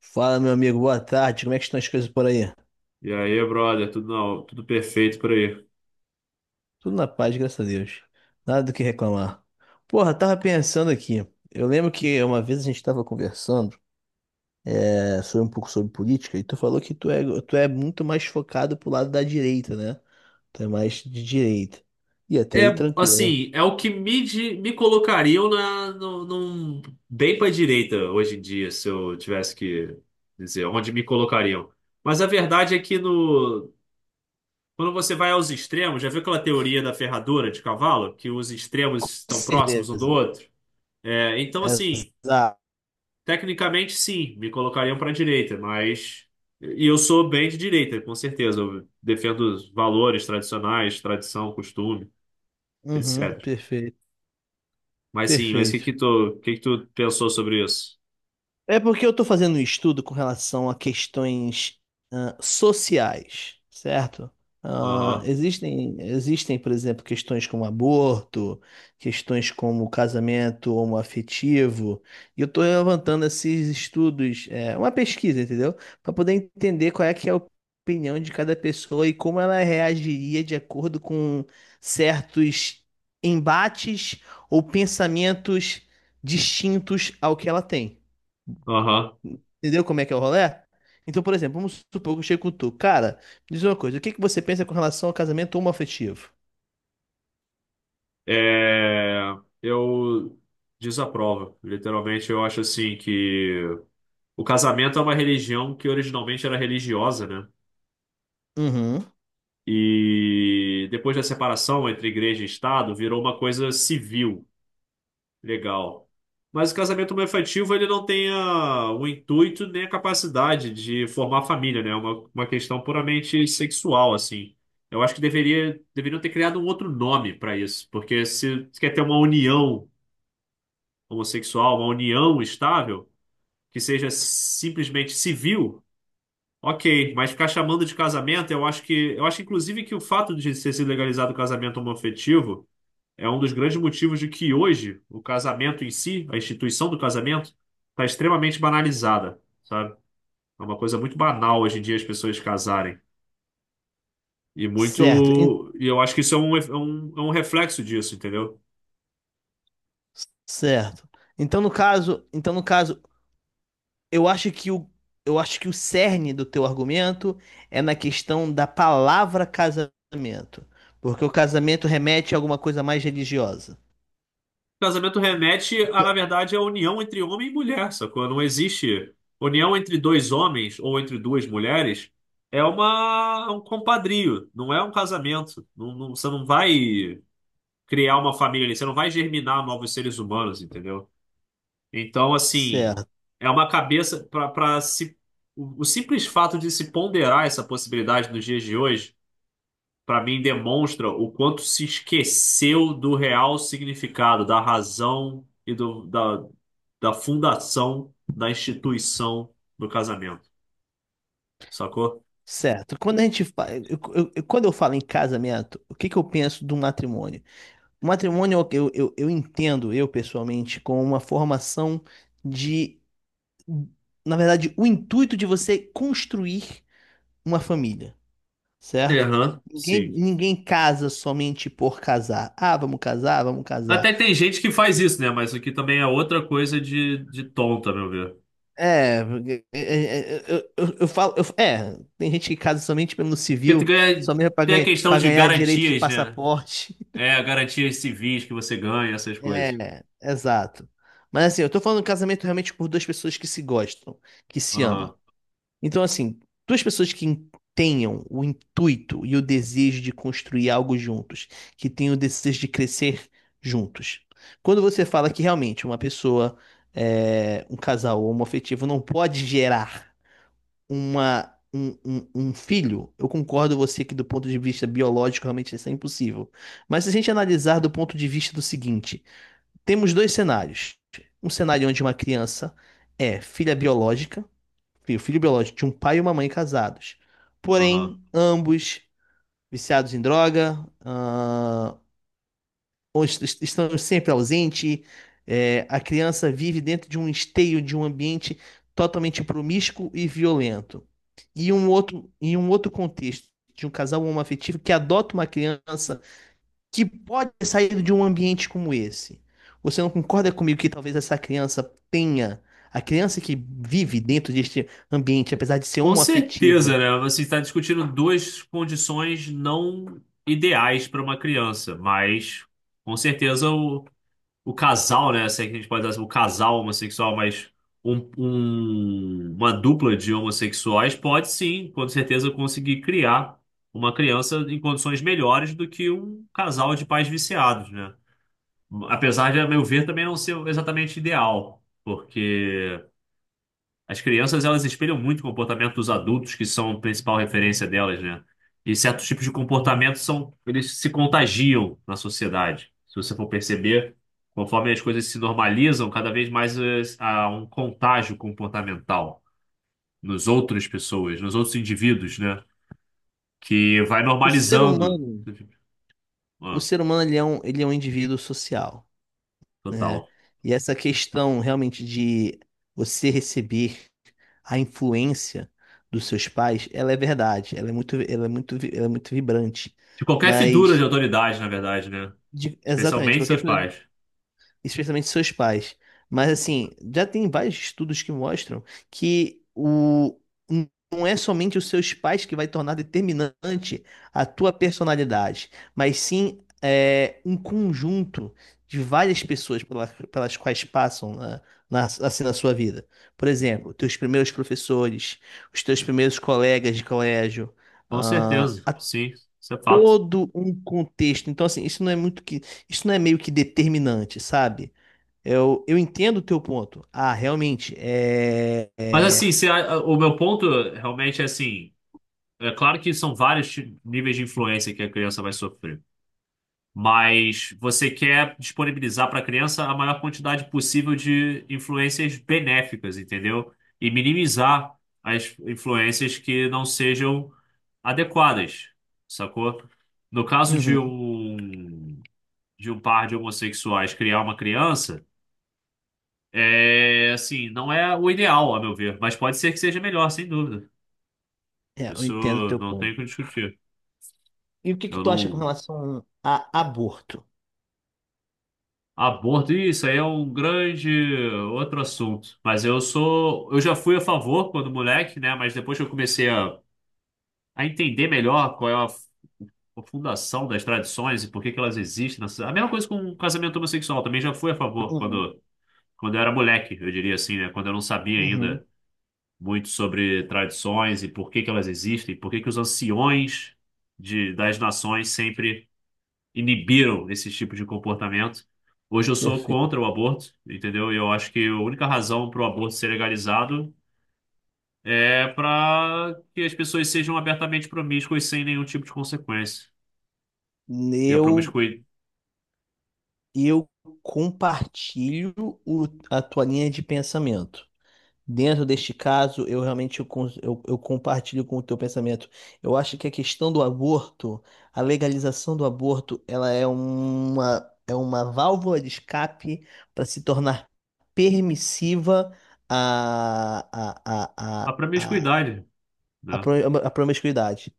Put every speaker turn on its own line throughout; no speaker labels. Fala, meu amigo, boa tarde. Como é que estão as coisas por aí?
E aí, brother, tudo, tudo perfeito por aí.
Tudo na paz, graças a Deus. Nada do que reclamar. Porra, tava pensando aqui. Eu lembro que uma vez a gente tava conversando, sobre um pouco sobre política, e tu falou que tu é muito mais focado pro lado da direita, né? Tu é mais de direita. E até aí
É,
tranquilo.
assim, é o que me, di- Me colocariam na, no, num- bem para direita hoje em dia, se eu tivesse que dizer onde me colocariam. Mas a verdade é que no, quando você vai aos extremos, já viu aquela teoria da ferradura de cavalo, que os extremos
Com
estão próximos um do
certeza.
outro? É, então, assim.
Exato.
Tecnicamente, sim, me colocariam para a direita, mas. E eu sou bem de direita, com certeza. Eu defendo os valores tradicionais, tradição, costume,
Uhum,
etc.
perfeito.
Mas sim,
Perfeito.
o que que tu pensou sobre isso?
É porque eu estou fazendo um estudo com relação a questões sociais, certo? Ah,
Aham,
existem, por exemplo, questões como aborto, questões como casamento homoafetivo, e eu estou levantando esses estudos, uma pesquisa, entendeu? Para poder entender qual é que é a opinião de cada pessoa e como ela reagiria de acordo com certos embates ou pensamentos distintos ao que ela tem.
aham.
Entendeu como é que é o rolê? Então, por exemplo, vamos supor que eu chego com tu. Cara, me diz uma coisa, o que que você pensa com relação ao casamento homoafetivo?
É, eu desaprovo. Literalmente, eu acho assim que o casamento é uma religião que originalmente era religiosa, né?
Uhum.
E depois da separação entre igreja e Estado, virou uma coisa civil. Legal. Mas o casamento homoafetivo, ele não tem a- o intuito nem a capacidade de formar família, né? É uma questão puramente sexual, assim. Eu acho que deveriam ter criado um outro nome para isso, porque se quer ter uma união homossexual, uma união estável, que seja simplesmente civil, ok, mas ficar chamando de casamento, eu acho que, eu acho inclusive que o fato de ter sido legalizado o casamento homoafetivo é um dos grandes motivos de que hoje o casamento em si, a instituição do casamento, está extremamente banalizada, sabe? É uma coisa muito banal hoje em dia as pessoas casarem. E
Certo,
muito. E eu acho que isso é é um reflexo disso, entendeu?
certo. Então, no caso, eu acho que o eu acho que o cerne do teu argumento é na questão da palavra casamento, porque o casamento remete a alguma coisa mais religiosa.
Casamento remete a, na
Ca-
verdade, a união entre homem e mulher, sacou? Não existe união entre dois homens ou entre duas mulheres. É um compadrio, não é um casamento. Você não vai criar uma família ali, você não vai germinar novos seres humanos, entendeu? Então, assim,
Certo,
é uma cabeça para se. O simples fato de se ponderar essa possibilidade nos dias de hoje, para mim, demonstra o quanto se esqueceu do real significado, da razão e do, da, da fundação da instituição do casamento, sacou?
certo. Quando a gente fa... eu- quando eu falo em casamento, o que que eu penso do matrimônio? O matrimônio, eu entendo, eu pessoalmente, como uma formação de, na verdade, o intuito de você construir uma família, certo?
Aham,
Ninguém,
sim.
ninguém casa somente por casar. Ah, vamos casar.
Até tem gente que faz isso, né? Mas isso aqui também é outra coisa de tonta, a meu ver.
É, porque- é, é, é, eu falo, eu- é, tem gente que casa somente pelo
Porque tu
civil,
ganha-
somente
Tem a questão
para
de
ganhar direito de
garantias, né?
passaporte.
É, garantias civis que você ganha, essas coisas.
É, exato. Mas assim, eu tô falando de casamento realmente por duas pessoas que se gostam, que se amam.
Aham,
Então, assim, duas pessoas que tenham o intuito e o desejo de construir algo juntos, que tenham o desejo de crescer juntos. Quando você fala que realmente uma pessoa, um casal homoafetivo não pode gerar um filho, eu concordo com você que do ponto de vista biológico realmente isso é impossível. Mas se a gente analisar do ponto de vista do seguinte, temos dois cenários. Um cenário onde uma criança é filha biológica, o filho biológico de um pai e uma mãe casados.
aham.
Porém, ambos viciados em droga, ou estão sempre ausentes. É, a criança vive dentro de um esteio, de um ambiente totalmente promíscuo e violento. E um outro, em um outro contexto, de um casal homoafetivo que adota uma criança que pode ter saído de um ambiente como esse. Você não concorda comigo que talvez essa criança tenha, a criança que vive dentro deste ambiente, apesar de ser
Com certeza,
homoafetivo,
né? Você está discutindo duas condições não ideais para uma criança, mas com certeza o casal, né? Se é que a gente pode dar assim, o casal homossexual, mas uma dupla de homossexuais pode sim, com certeza, conseguir criar uma criança em condições melhores do que um casal de pais viciados, né? Apesar de, a meu ver, também não ser exatamente ideal, porque as crianças elas espelham muito o comportamento dos adultos, que são a principal referência delas, né? E certos tipos de comportamento são, eles se contagiam na sociedade. Se você for perceber, conforme as coisas se normalizam, cada vez mais há um contágio comportamental nos outras pessoas, nos outros indivíduos, né? Que vai
o ser
normalizando.
humano, o
Ah,
ser humano ele é um indivíduo social, né?
total.
E essa questão realmente de você receber a influência dos seus pais, ela é verdade, ela é muito, ela é muito, ela é muito vibrante.
De qualquer figura de
Mas
autoridade, na verdade, né?
exatamente,
Especialmente
qualquer
seus
coisa
pais.
especialmente seus pais. Mas assim, já tem vários estudos que mostram que o não é somente os seus pais que vai tornar determinante a tua personalidade, mas sim um conjunto de várias pessoas pelas quais passam na sua vida. Por exemplo, teus primeiros professores, os teus primeiros colegas de colégio,
Com
ah,
certeza,
a
sim, isso é fato.
todo um contexto. Então, assim, isso não é meio que determinante, sabe? Eu entendo o teu ponto. Ah, realmente,
Mas assim, se a- o meu ponto realmente é assim, é claro que são níveis de influência que a criança vai sofrer, mas você quer disponibilizar para a criança a maior quantidade possível de influências benéficas, entendeu? E minimizar as influências que não sejam adequadas, sacou? No caso
uhum,
de um par de homossexuais criar uma criança, é assim, não é o ideal, a meu ver, mas pode ser que seja melhor, sem dúvida.
é, eu
Isso
entendo o teu
não tem o que
ponto.
discutir.
E o que que
Eu
tu acha com
não.
relação a aborto?
Aborto, isso aí é um grande outro assunto. Mas eu sou. Eu já fui a favor quando moleque, né? Mas depois que eu comecei a entender melhor qual é a fundação das tradições e por que que elas existem. Na sociedade. A mesma coisa com o casamento homossexual, também já fui a favor
Uhum,
quando eu era moleque, eu diria assim, né? Quando eu não sabia
uhum,
ainda muito sobre tradições e por que que elas existem, por que que os anciões das nações sempre inibiram esse tipo de comportamento. Hoje eu sou
perfeito.
contra o aborto, entendeu? E eu acho que a única razão para o aborto ser legalizado é para que as pessoas sejam abertamente promíscuas sem nenhum tipo de consequência. E a
Eu,
promiscui...
eu compartilho a tua linha de pensamento. Dentro deste caso, eu realmente eu, cons- eu compartilho com o teu pensamento. Eu acho que a questão do aborto, a legalização do aborto, é uma válvula de escape para se tornar permissiva a, a,
a
a, a,
promiscuidade, né?
a promiscuidade.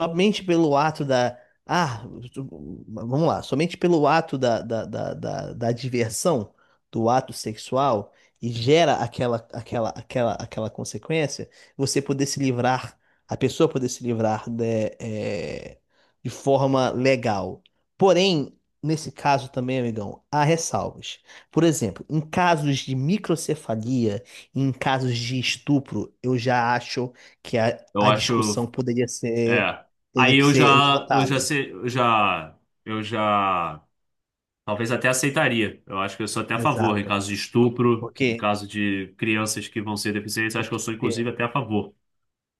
Somente pelo ato da. Ah, tu- vamos lá. Somente pelo ato da diversão, do ato sexual, e gera aquela consequência, você poder se livrar, a pessoa poder se livrar de forma legal. Porém, nesse caso também, amigão, há ressalvas. Por exemplo, em casos de microcefalia, em casos de estupro, eu já acho que
Eu
a discussão
acho, é.
teria
Aí
que ser
eu já
levantada.
sei, eu já Talvez até aceitaria. Eu acho que eu sou até a favor em
Exato.
caso de estupro, em
Porque,
caso de crianças que vão ser deficientes, acho que eu
porque,
sou inclusive até a favor.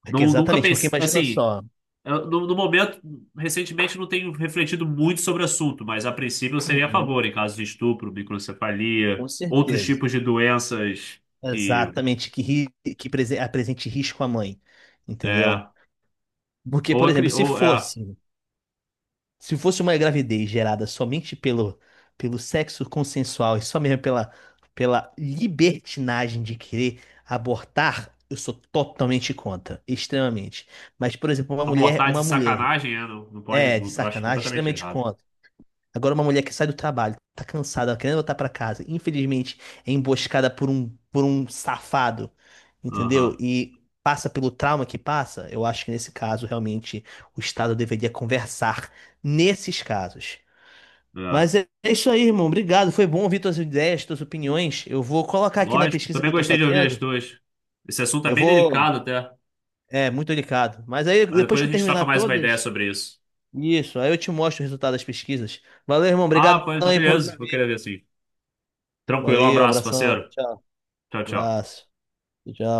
porque
Não, nunca
exatamente, porque
pensei,
imagina
assim,
só.
no, no momento, recentemente não tenho refletido muito sobre o assunto, mas a princípio eu seria a
Uhum.
favor em caso de estupro, microcefalia,
Com
outros
certeza.
tipos de doenças que
Exatamente, que, ri- que prese- apresente risco à mãe,
é
entendeu? Porque,
ou,
por
a,
exemplo,
cri- ou é,
se fosse uma gravidez gerada somente pelo, pelo sexo consensual e só mesmo pela, pela libertinagem de querer abortar, eu sou totalmente contra, extremamente. Mas, por exemplo,
abortar de sacanagem, é, não pode,
é, de
eu acho
sacanagem,
completamente
extremamente
errado.
contra. Agora uma mulher que sai do trabalho, tá cansada, querendo voltar pra casa, infelizmente é emboscada por um safado, entendeu?
Aham,
E passa pelo trauma que passa, eu acho que nesse caso realmente o Estado deveria conversar nesses casos.
é.
Mas é isso aí, irmão. Obrigado. Foi bom ouvir tuas ideias, tuas opiniões. Eu vou colocar aqui na
Lógico,
pesquisa que
também
eu tô
gostei de ouvir as
fazendo.
tuas. Esse assunto é
Eu
bem
vou.
delicado até.
É, muito delicado. Mas aí,
Mas
depois
depois
que
a
eu
gente troca
terminar
mais uma ideia
todas,
sobre isso.
isso, aí eu te mostro o resultado das pesquisas. Valeu, irmão.
Ah,
Obrigadão
pô, então
aí por me
beleza. Vou querer
ouvir.
ver sim. Tranquilo, um
Valeu,
abraço,
abração.
parceiro.
Tchau.
Tchau, tchau.
Abraço. Tchau.